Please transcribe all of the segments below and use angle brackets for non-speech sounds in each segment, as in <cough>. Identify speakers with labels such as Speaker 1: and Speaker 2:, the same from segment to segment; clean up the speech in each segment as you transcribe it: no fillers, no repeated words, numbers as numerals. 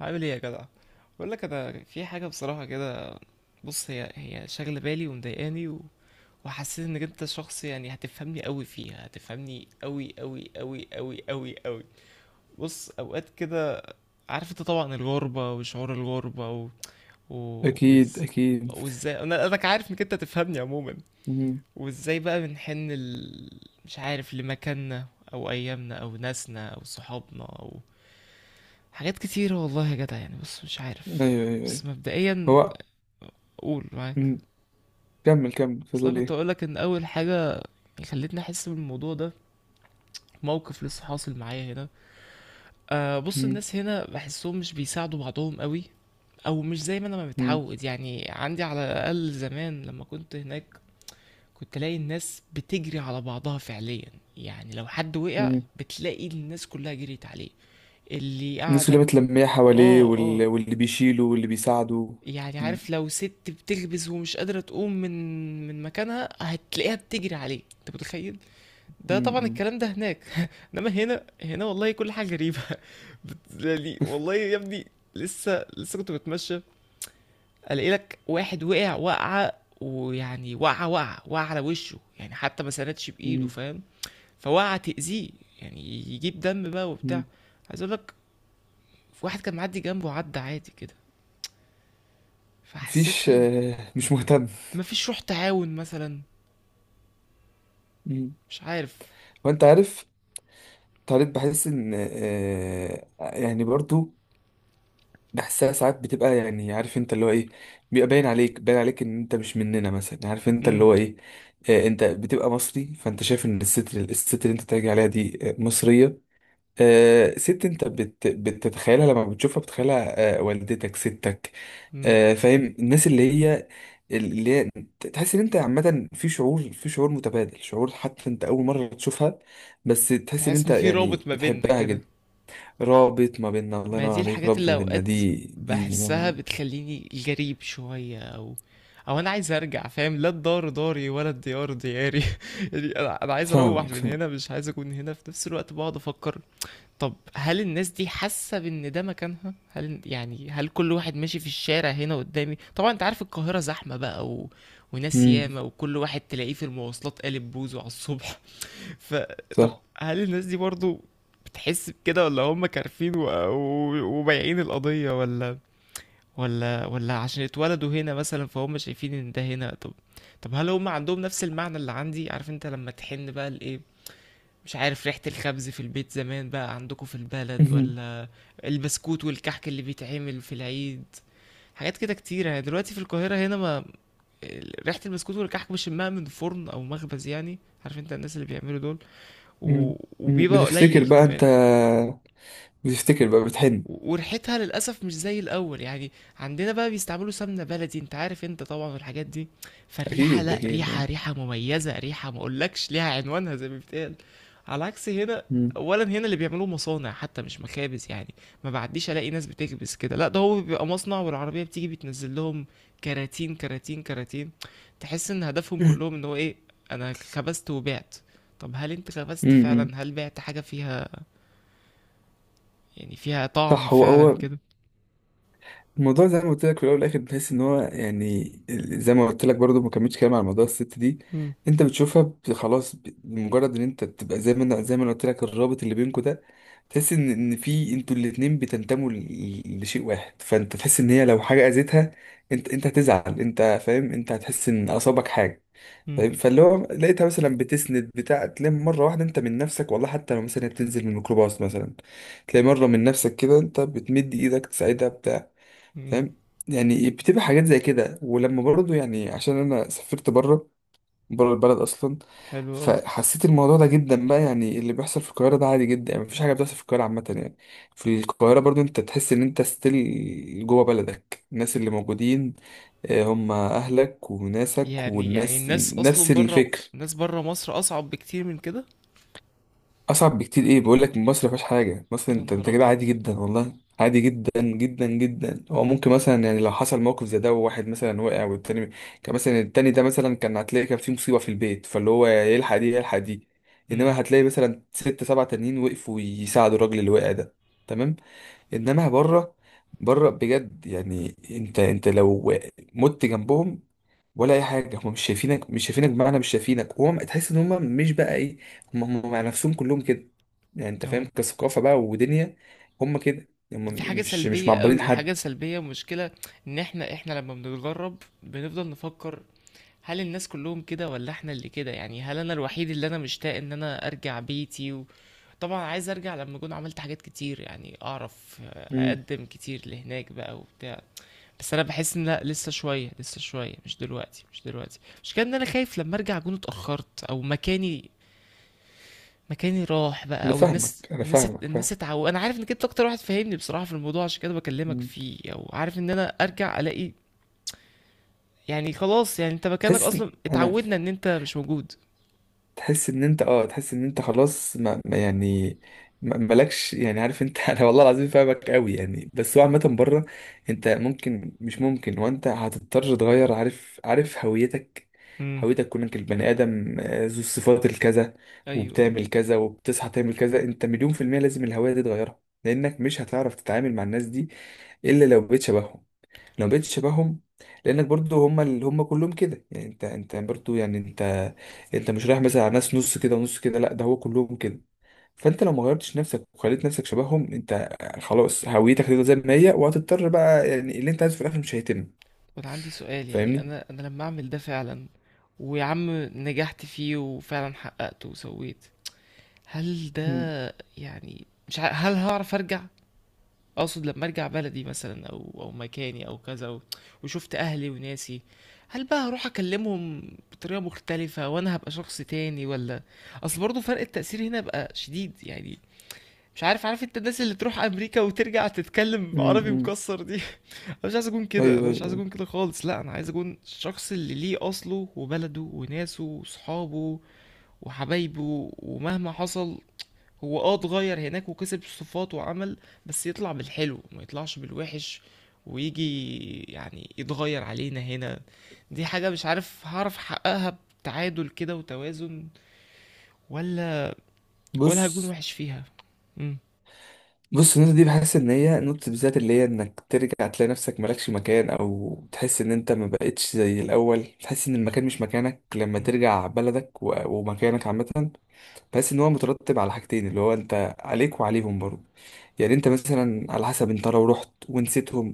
Speaker 1: عامل ايه يا جدع؟ بقول لك انا في حاجه بصراحه كده. بص، هي شاغله بالي ومضايقاني و... وحسيت انك انت شخص، يعني هتفهمني قوي فيها، هتفهمني قوي قوي قوي قوي قوي قوي. بص اوقات كده، عارف انت طبعا الغربه وشعور الغربه و... و...
Speaker 2: اكيد
Speaker 1: وإز-
Speaker 2: اكيد.
Speaker 1: وازاي، انا عارف انك انت تفهمني عموما.
Speaker 2: مم.
Speaker 1: وازاي بقى بنحن مش عارف لمكاننا، او ايامنا، او ناسنا، او صحابنا. حاجات كتيرة والله يا جدع، يعني بص مش عارف.
Speaker 2: ايوه، ايوه،
Speaker 1: بس
Speaker 2: ايوه.
Speaker 1: مبدئيا
Speaker 2: هو،
Speaker 1: قول معاك.
Speaker 2: مم. كمل كمل، كنت
Speaker 1: اصل
Speaker 2: هتقول
Speaker 1: أنا كنت
Speaker 2: ايه؟
Speaker 1: اقولك ان اول حاجة خلتني احس بالموضوع ده، موقف لسه حاصل معايا هنا. آه بص،
Speaker 2: مم.
Speaker 1: الناس هنا بحسهم مش بيساعدوا بعضهم قوي، او مش زي ما انا ما
Speaker 2: مم.
Speaker 1: متعود، يعني عندي على الاقل زمان لما كنت هناك كنت الاقي الناس بتجري على بعضها فعليا. يعني لو حد وقع
Speaker 2: مم.
Speaker 1: بتلاقي الناس كلها جريت عليه، اللي
Speaker 2: الناس
Speaker 1: قاعدة
Speaker 2: اللي متلمية حواليه
Speaker 1: اه اه.
Speaker 2: واللي بيشيله واللي بيساعده.
Speaker 1: يعني
Speaker 2: مم.
Speaker 1: عارف، لو ست بتخبز ومش قادرة تقوم من مكانها هتلاقيها بتجري عليه، انت متخيل؟ ده طبعا
Speaker 2: مم.
Speaker 1: الكلام ده هناك. <laughs> انما هنا والله كل حاجة غريبة. <laughs> يعني والله يا ابني، لسه لسه كنت بتمشى الاقي لك واحد وقع وقعة، ويعني وقعة، وقعة وقع على وشه، يعني حتى ما سندش بايده،
Speaker 2: مم. <laughs>
Speaker 1: فاهم؟ فوقعة تأذيه، يعني يجيب دم بقى وبتاع.
Speaker 2: مم.
Speaker 1: عايز اقول لك، في واحد كان معدي جنبه عدى عادي كده.
Speaker 2: مفيش،
Speaker 1: فحسيتها
Speaker 2: آه، مش مهتم.
Speaker 1: مفيش روح تعاون مثلا،
Speaker 2: مم.
Speaker 1: مش عارف.
Speaker 2: وانت عارف، طالب بحس ان، آه، يعني برضو بحسها ساعات بتبقى، يعني عارف انت اللي هو ايه، بيبقى باين عليك باين عليك ان انت مش مننا مثلا، عارف انت اللي
Speaker 1: امم،
Speaker 2: هو ايه. آه، انت بتبقى مصري، فانت شايف ان الست اللي انت تاجي عليها دي، آه، مصرية. آه، ست، انت بتتخيلها، لما بتشوفها بتتخيلها، آه، والدتك، ستك.
Speaker 1: امم.
Speaker 2: آه، فاهم الناس اللي هي، اللي هي تحس ان انت عامة، في شعور متبادل، شعور حتى انت اول مرة تشوفها، بس تحس ان
Speaker 1: تحس
Speaker 2: انت
Speaker 1: ان في رابط
Speaker 2: يعني
Speaker 1: ما بيننا
Speaker 2: بتحبها
Speaker 1: كده.
Speaker 2: جدا. رابط ما بيننا، الله
Speaker 1: ما
Speaker 2: ينور
Speaker 1: دي
Speaker 2: عليك،
Speaker 1: الحاجات
Speaker 2: رابط
Speaker 1: اللي
Speaker 2: ما بيننا
Speaker 1: اوقات
Speaker 2: دي. دي ما
Speaker 1: بحسها
Speaker 2: انا
Speaker 1: بتخليني جريب شوية، او او انا عايز ارجع، فاهم؟ لا الدار داري ولا الديار دياري. <laughs> يعني انا عايز اروح
Speaker 2: فاهمك،
Speaker 1: من
Speaker 2: فاهم.
Speaker 1: هنا، مش عايز اكون هنا في نفس الوقت، بقعد افكر. طب هل الناس دي حاسة بان ده مكانها؟ هل، يعني هل كل واحد ماشي في الشارع هنا قدامي، طبعا انت عارف القاهرة زحمة بقى وناس
Speaker 2: امم
Speaker 1: ياما، وكل واحد تلاقيه في المواصلات قالب بوزه على الصبح، فطب
Speaker 2: صح.
Speaker 1: هل الناس دي برضو بتحس بكده، ولا هم كارفين و... و... وبايعين القضية، ولا ولا عشان اتولدوا هنا مثلا فهم شايفين ان ده هنا؟ طب، طب هل هم عندهم نفس المعنى اللي عندي؟ عارف انت لما تحن بقى لايه، مش عارف ريحة الخبز في البيت زمان بقى عندكم في البلد؟
Speaker 2: مهم.
Speaker 1: ولا البسكوت والكحك اللي بيتعمل في العيد، حاجات كده كتيرة يعني. دلوقتي في القاهرة هنا ما ريحة البسكوت والكحك بشمها من فرن أو مخبز، يعني عارف انت الناس اللي بيعملوا دول و...
Speaker 2: مم. مم.
Speaker 1: وبيبقى
Speaker 2: بتفتكر
Speaker 1: قليل
Speaker 2: بقى انت،
Speaker 1: كمان،
Speaker 2: بتفتكر بقى بتحن.
Speaker 1: وريحتها للأسف مش زي الأول. يعني عندنا بقى بيستعملوا سمنة بلدي، انت عارف انت طبعا الحاجات دي، فالريحة
Speaker 2: اكيد
Speaker 1: لا، ريحة،
Speaker 2: اكيد.
Speaker 1: ريحة مميزة، ريحة ما اقولكش ليها عنوانها زي ما بيتقال، على عكس هنا.
Speaker 2: مم.
Speaker 1: اولا هنا اللي بيعملوه مصانع حتى مش مخابز، يعني ما بعديش الاقي ناس بتكبس كده، لا ده هو بيبقى مصنع والعربيه بتيجي بتنزل لهم كراتين كراتين كراتين. تحس ان هدفهم
Speaker 2: مم.
Speaker 1: كلهم ان هو ايه، انا خبزت وبعت. طب هل انت خبزت
Speaker 2: مم.
Speaker 1: فعلا؟ هل بعت حاجه فيها يعني، فيها طعم
Speaker 2: صح. هو
Speaker 1: فعلا
Speaker 2: هو
Speaker 1: كده؟
Speaker 2: الموضوع زي ما قلت لك في الاول والاخر، بتحس ان هو يعني، زي ما قلت لك برضو، ما كملتش كلام على موضوع الست دي،
Speaker 1: مم.
Speaker 2: انت بتشوفها خلاص، بمجرد ان انت بتبقى، زي ما انا قلت لك الرابط اللي بينكم ده، تحس ان في انتوا الاتنين بتنتموا لشيء واحد، فانت تحس ان هي لو حاجه اذتها، انت انت هتزعل، انت فاهم، انت هتحس ان اصابك حاجه.
Speaker 1: مم.
Speaker 2: فاهم؟ فاللي هو لقيتها مثلا بتسند، بتاع، تلاقي مره واحده انت من نفسك والله، حتى لو مثلا هي بتنزل من الميكروباص مثلا، تلاقي مره من نفسك كده انت بتمد ايدك تساعدها، بتاع.
Speaker 1: مم.
Speaker 2: فاهم. يعني بتبقى حاجات زي كده، ولما برضو يعني، عشان انا سافرت بره، بره البلد اصلا،
Speaker 1: حلو أوي.
Speaker 2: فحسيت الموضوع ده جدا بقى، يعني اللي بيحصل في القاهره ده عادي جدا، يعني مفيش حاجه بتحصل في القاهره عامه يعني، في القاهره برضو انت تحس ان انت ستيل جوه بلدك، الناس اللي موجودين آه، هم اهلك وناسك
Speaker 1: يعني يعني
Speaker 2: والناس
Speaker 1: الناس
Speaker 2: نفس
Speaker 1: اصلا بره،
Speaker 2: الفكر.
Speaker 1: الناس بره مصر اصعب بكتير من كده.
Speaker 2: اصعب بكتير ايه، بقول لك مصر ما فيهاش حاجه، مصر
Speaker 1: يا
Speaker 2: انت
Speaker 1: نهار
Speaker 2: انت كده
Speaker 1: ابيض.
Speaker 2: عادي جدا والله، عادي جدا جدا جدا، هو ممكن مثلا يعني لو حصل موقف زي ده وواحد مثلا وقع والتاني، كان مثلا التاني ده مثلا كان هتلاقي كان في مصيبه في البيت، فاللي هو يلحق دي يلحق دي،
Speaker 1: امم.
Speaker 2: انما هتلاقي مثلا ست سبع تانيين وقفوا يساعدوا الراجل اللي وقع ده. تمام. انما بره، بره بجد يعني انت، انت لو مت جنبهم ولا اي حاجه، هم مش شايفينك، مش شايفينك بمعنى مش شايفينك، هو تحس ان هم مش بقى ايه، هم هم مع نفسهم كلهم كده يعني، انت فاهم،
Speaker 1: اه.
Speaker 2: كثقافه بقى ودنيا، هم كده، هم
Speaker 1: دي حاجه
Speaker 2: مش
Speaker 1: سلبيه
Speaker 2: معبرين
Speaker 1: قوي، حاجه
Speaker 2: حد.
Speaker 1: سلبيه، مشكله. ان احنا لما بنتغرب بنفضل نفكر، هل الناس كلهم كده، ولا احنا اللي كده؟ يعني هل انا الوحيد اللي انا مشتاق ان انا ارجع بيتي؟ وطبعا عايز ارجع لما اكون عملت حاجات كتير، يعني اعرف
Speaker 2: مم.
Speaker 1: اقدم كتير لهناك بقى وبتاع. بس انا بحس ان لا، لسه شويه، لسه شويه، مش دلوقتي، مش دلوقتي، مش كده. ان انا خايف لما ارجع اكون اتاخرت، او مكاني، مكاني راح بقى،
Speaker 2: انا
Speaker 1: او الناس،
Speaker 2: فاهمك، انا
Speaker 1: الناس،
Speaker 2: فاهمك،
Speaker 1: الناس
Speaker 2: فاهم.
Speaker 1: اتعود. انا عارف انك انت اكتر واحد فاهمني بصراحه في الموضوع، عشان كده بكلمك
Speaker 2: مم.
Speaker 1: فيه. او عارف ان انا ارجع الاقي، يعني خلاص، يعني انت مكانك
Speaker 2: تحس
Speaker 1: اصلا
Speaker 2: انا
Speaker 1: اتعودنا ان انت مش موجود.
Speaker 2: تحس ان انت، اه تحس ان انت خلاص ما يعني مالكش يعني، عارف انت <laughs> انا والله العظيم فاهمك قوي يعني، بس هو عامه بره، انت ممكن، مش ممكن، وانت هتضطر تغير، عارف، عارف هويتك،
Speaker 1: امم.
Speaker 2: هويتك كونك البني ادم، آه، ذو الصفات الكذا،
Speaker 1: ايوه.
Speaker 2: وبتعمل كذا، وبتصحى تعمل كذا، انت مليون في المية لازم الهوية دي تغيرها، لانك مش هتعرف تتعامل مع الناس دي الا لو بقيت شبههم، لو بقيت شبههم، لانك برضو هم اللي هم كلهم كده يعني، انت انت برضو يعني انت، انت مش رايح مثلا على ناس نص كده ونص كده، لا ده هو كلهم كده، فانت لو ما غيرتش نفسك وخليت نفسك شبههم انت، خلاص هويتك هتفضل زي ما هي، وهتضطر بقى يعني اللي انت عايزه في الاخر مش هيتم.
Speaker 1: وانا عندي سؤال، يعني
Speaker 2: فاهمني؟
Speaker 1: انا لما اعمل ده فعلا، ويا عم نجحت فيه وفعلا حققته وسويت، هل
Speaker 2: امم
Speaker 1: ده يعني مش ع... هل هعرف ارجع؟ اقصد لما ارجع بلدي مثلا، او او مكاني، او كذا وشفت اهلي وناسي، هل بقى هروح اكلمهم بطريقه مختلفه وانا هبقى شخص تاني؟ ولا، اصل برضه فرق التأثير هنا بقى شديد يعني، مش عارف، عارف انت الناس اللي تروح امريكا وترجع تتكلم عربي
Speaker 2: امم
Speaker 1: مكسر دي. <laughs> انا مش عايز اكون كده، انا
Speaker 2: ايوه ايوه
Speaker 1: مش عايز اكون
Speaker 2: أيوة.
Speaker 1: كده خالص. لا، انا عايز اكون الشخص اللي ليه اصله وبلده وناسه وصحابه وحبايبه، ومهما حصل هو اه اتغير هناك وكسب الصفات وعمل، بس يطلع بالحلو ما يطلعش بالوحش، ويجي يعني يتغير علينا هنا. دي حاجة مش عارف هعرف احققها بتعادل كده وتوازن، ولا هكون
Speaker 2: بص،
Speaker 1: وحش فيها؟ امم.
Speaker 2: بص النقطة دي بحس إن هي نقطة بالذات اللي هي إنك ترجع تلاقي نفسك مالكش مكان، أو تحس إن أنت ما بقتش زي الأول، تحس إن المكان مش مكانك لما
Speaker 1: امم.
Speaker 2: ترجع بلدك ومكانك عامة. بحس إن هو مترتب على حاجتين، اللي هو أنت عليك وعليهم برضه، يعني أنت مثلا على حسب، أنت لو رحت ونسيتهم،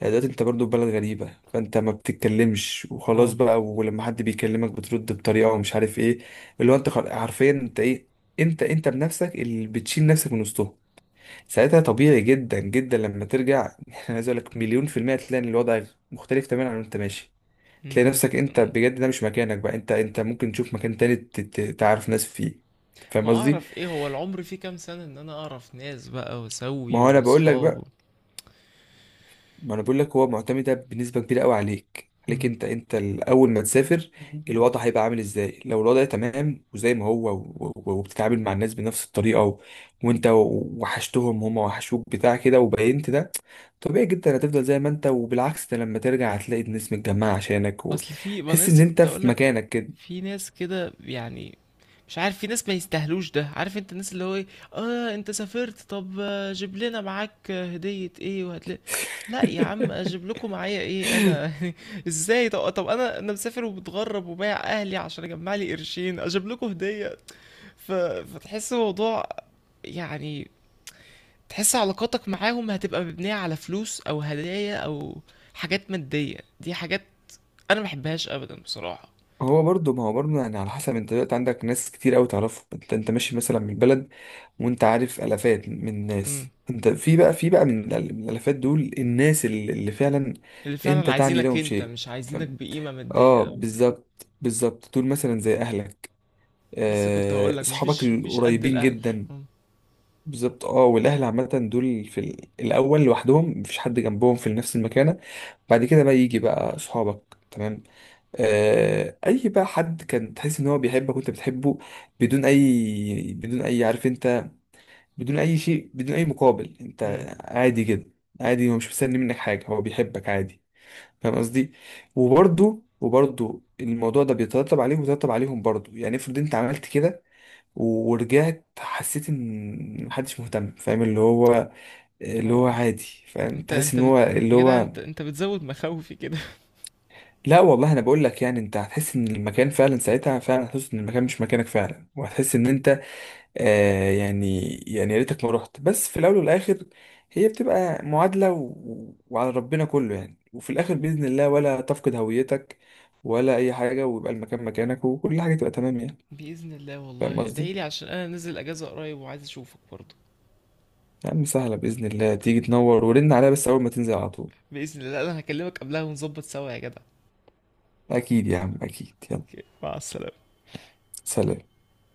Speaker 2: يعني دلوقتي أنت برضه في بلد غريبة، فأنت ما بتتكلمش وخلاص
Speaker 1: اه.
Speaker 2: بقى، ولما حد بيكلمك بترد بطريقة ومش عارف إيه، اللي هو أنت حرفيا أنت إيه، أنت أنت بنفسك اللي بتشيل نفسك من وسطهم، ساعتها طبيعي جدا جدا لما ترجع. <laughs> انا عايز اقول لك مليون في المية تلاقي ان الوضع مختلف تماما عن انت ماشي، تلاقي نفسك
Speaker 1: جدا
Speaker 2: انت
Speaker 1: اه.
Speaker 2: بجد ده مش مكانك بقى، انت انت ممكن تشوف مكان تاني تعرف ناس فيه.
Speaker 1: ما
Speaker 2: فاهم قصدي؟
Speaker 1: اعرف ايه هو العمر فيه كام سنة ان انا اعرف ناس بقى
Speaker 2: ما
Speaker 1: واسوي
Speaker 2: هو انا بقول لك
Speaker 1: واصحاب؟
Speaker 2: بقى، ما انا بقول لك هو معتمدة بنسبة كبيرة قوي عليك، عليك
Speaker 1: امم.
Speaker 2: انت، انت اول ما تسافر الوضع هيبقى عامل ازاي، لو الوضع تمام وزي ما هو وبتتعامل مع الناس بنفس الطريقة وانت وحشتهم هم وحشوك بتاع كده وبينت ده، طبيعي جدا هتفضل زي ما انت، وبالعكس ده لما ترجع هتلاقي الناس متجمعة عشانك
Speaker 1: اصل في، ما انا
Speaker 2: وتحس ان
Speaker 1: لسه
Speaker 2: انت
Speaker 1: كنت
Speaker 2: في
Speaker 1: اقولك،
Speaker 2: مكانك كده.
Speaker 1: في ناس كده، يعني مش عارف، في ناس ما يستاهلوش، ده عارف انت الناس اللي هو ايه. اه انت سافرت، طب آه، جيب لنا معاك آه، هدية ايه وهتلاقي. لا يا عم، اجيب لكم معايا ايه انا؟
Speaker 2: <laughs>
Speaker 1: <laughs> ازاي؟ طب, طب انا مسافر ومتغرب وبايع اهلي عشان اجمع لي قرشين، اجيب لكم هدية؟ ف... فتحس الموضوع يعني، تحس علاقاتك معاهم هتبقى مبنية على فلوس، او هدايا، او حاجات مادية. دي حاجات انا ما بحبهاش ابدا بصراحة.
Speaker 2: هو برضه، ما هو برضه يعني على حسب، انت دلوقتي عندك ناس كتير قوي تعرفهم، انت انت ماشي مثلا من البلد وانت عارف الافات من الناس،
Speaker 1: امم.
Speaker 2: انت في بقى، في بقى من من الالافات دول الناس اللي، اللي فعلا
Speaker 1: اللي فعلا
Speaker 2: انت تعني
Speaker 1: عايزينك
Speaker 2: لهم
Speaker 1: انت،
Speaker 2: شيء،
Speaker 1: مش عايزينك
Speaker 2: فاهم.
Speaker 1: بقيمة مادية.
Speaker 2: اه، بالظبط، بالظبط دول مثلا زي اهلك،
Speaker 1: لسه كنت هقول
Speaker 2: آه،
Speaker 1: لك،
Speaker 2: صحابك
Speaker 1: مفيش مفيش قد
Speaker 2: القريبين
Speaker 1: الاهل.
Speaker 2: جدا.
Speaker 1: اه.
Speaker 2: بالظبط اه، والاهل عامه دول في الاول لوحدهم، مفيش حد جنبهم في نفس المكانه، بعد كده بقى يجي بقى صحابك تمام، آه اي بقى حد كان تحس ان هو بيحبك وانت بتحبه، بدون اي عارف انت، بدون اي شيء، بدون اي مقابل، انت
Speaker 1: امم.
Speaker 2: عادي جدا، عادي، هو مش مستني منك حاجه، هو بيحبك عادي. فاهم قصدي؟ وبرده الموضوع ده بيترتب عليهم، وبيترتب عليهم برضه، يعني افرض انت عملت كده ورجعت، حسيت ان محدش مهتم، فاهم اللي هو، اللي هو
Speaker 1: آه.
Speaker 2: عادي، فاهم،
Speaker 1: انت
Speaker 2: تحس
Speaker 1: انت
Speaker 2: ان
Speaker 1: بت...
Speaker 2: هو اللي
Speaker 1: يا جدع
Speaker 2: هو،
Speaker 1: انت بتزود مخاوفي كده.
Speaker 2: لا والله انا بقول لك، يعني انت هتحس ان المكان فعلا ساعتها، فعلا هتحس ان المكان مش مكانك فعلا، وهتحس ان انت، آه، يعني، يعني يا ريتك ما رحت، بس في الاول والاخر هي بتبقى معادلة وعلى ربنا كله يعني، وفي الاخر باذن الله ولا تفقد هويتك ولا اي حاجة، ويبقى المكان مكانك، وكل حاجة تبقى تمام يعني.
Speaker 1: <laughs> باذن الله،
Speaker 2: فاهم
Speaker 1: والله ادعي
Speaker 2: قصدي؟
Speaker 1: لي عشان انا نزل اجازه قريب وعايز اشوفك برضه.
Speaker 2: يا عم سهلة باذن الله، تيجي تنور، ورن عليها بس اول ما تنزل على طول.
Speaker 1: باذن الله. لا، انا هكلمك قبلها ونظبط سوا يا جدع.
Speaker 2: اكيد يا عم اكيد، يلا.
Speaker 1: أوكي، مع السلامه.
Speaker 2: سلام.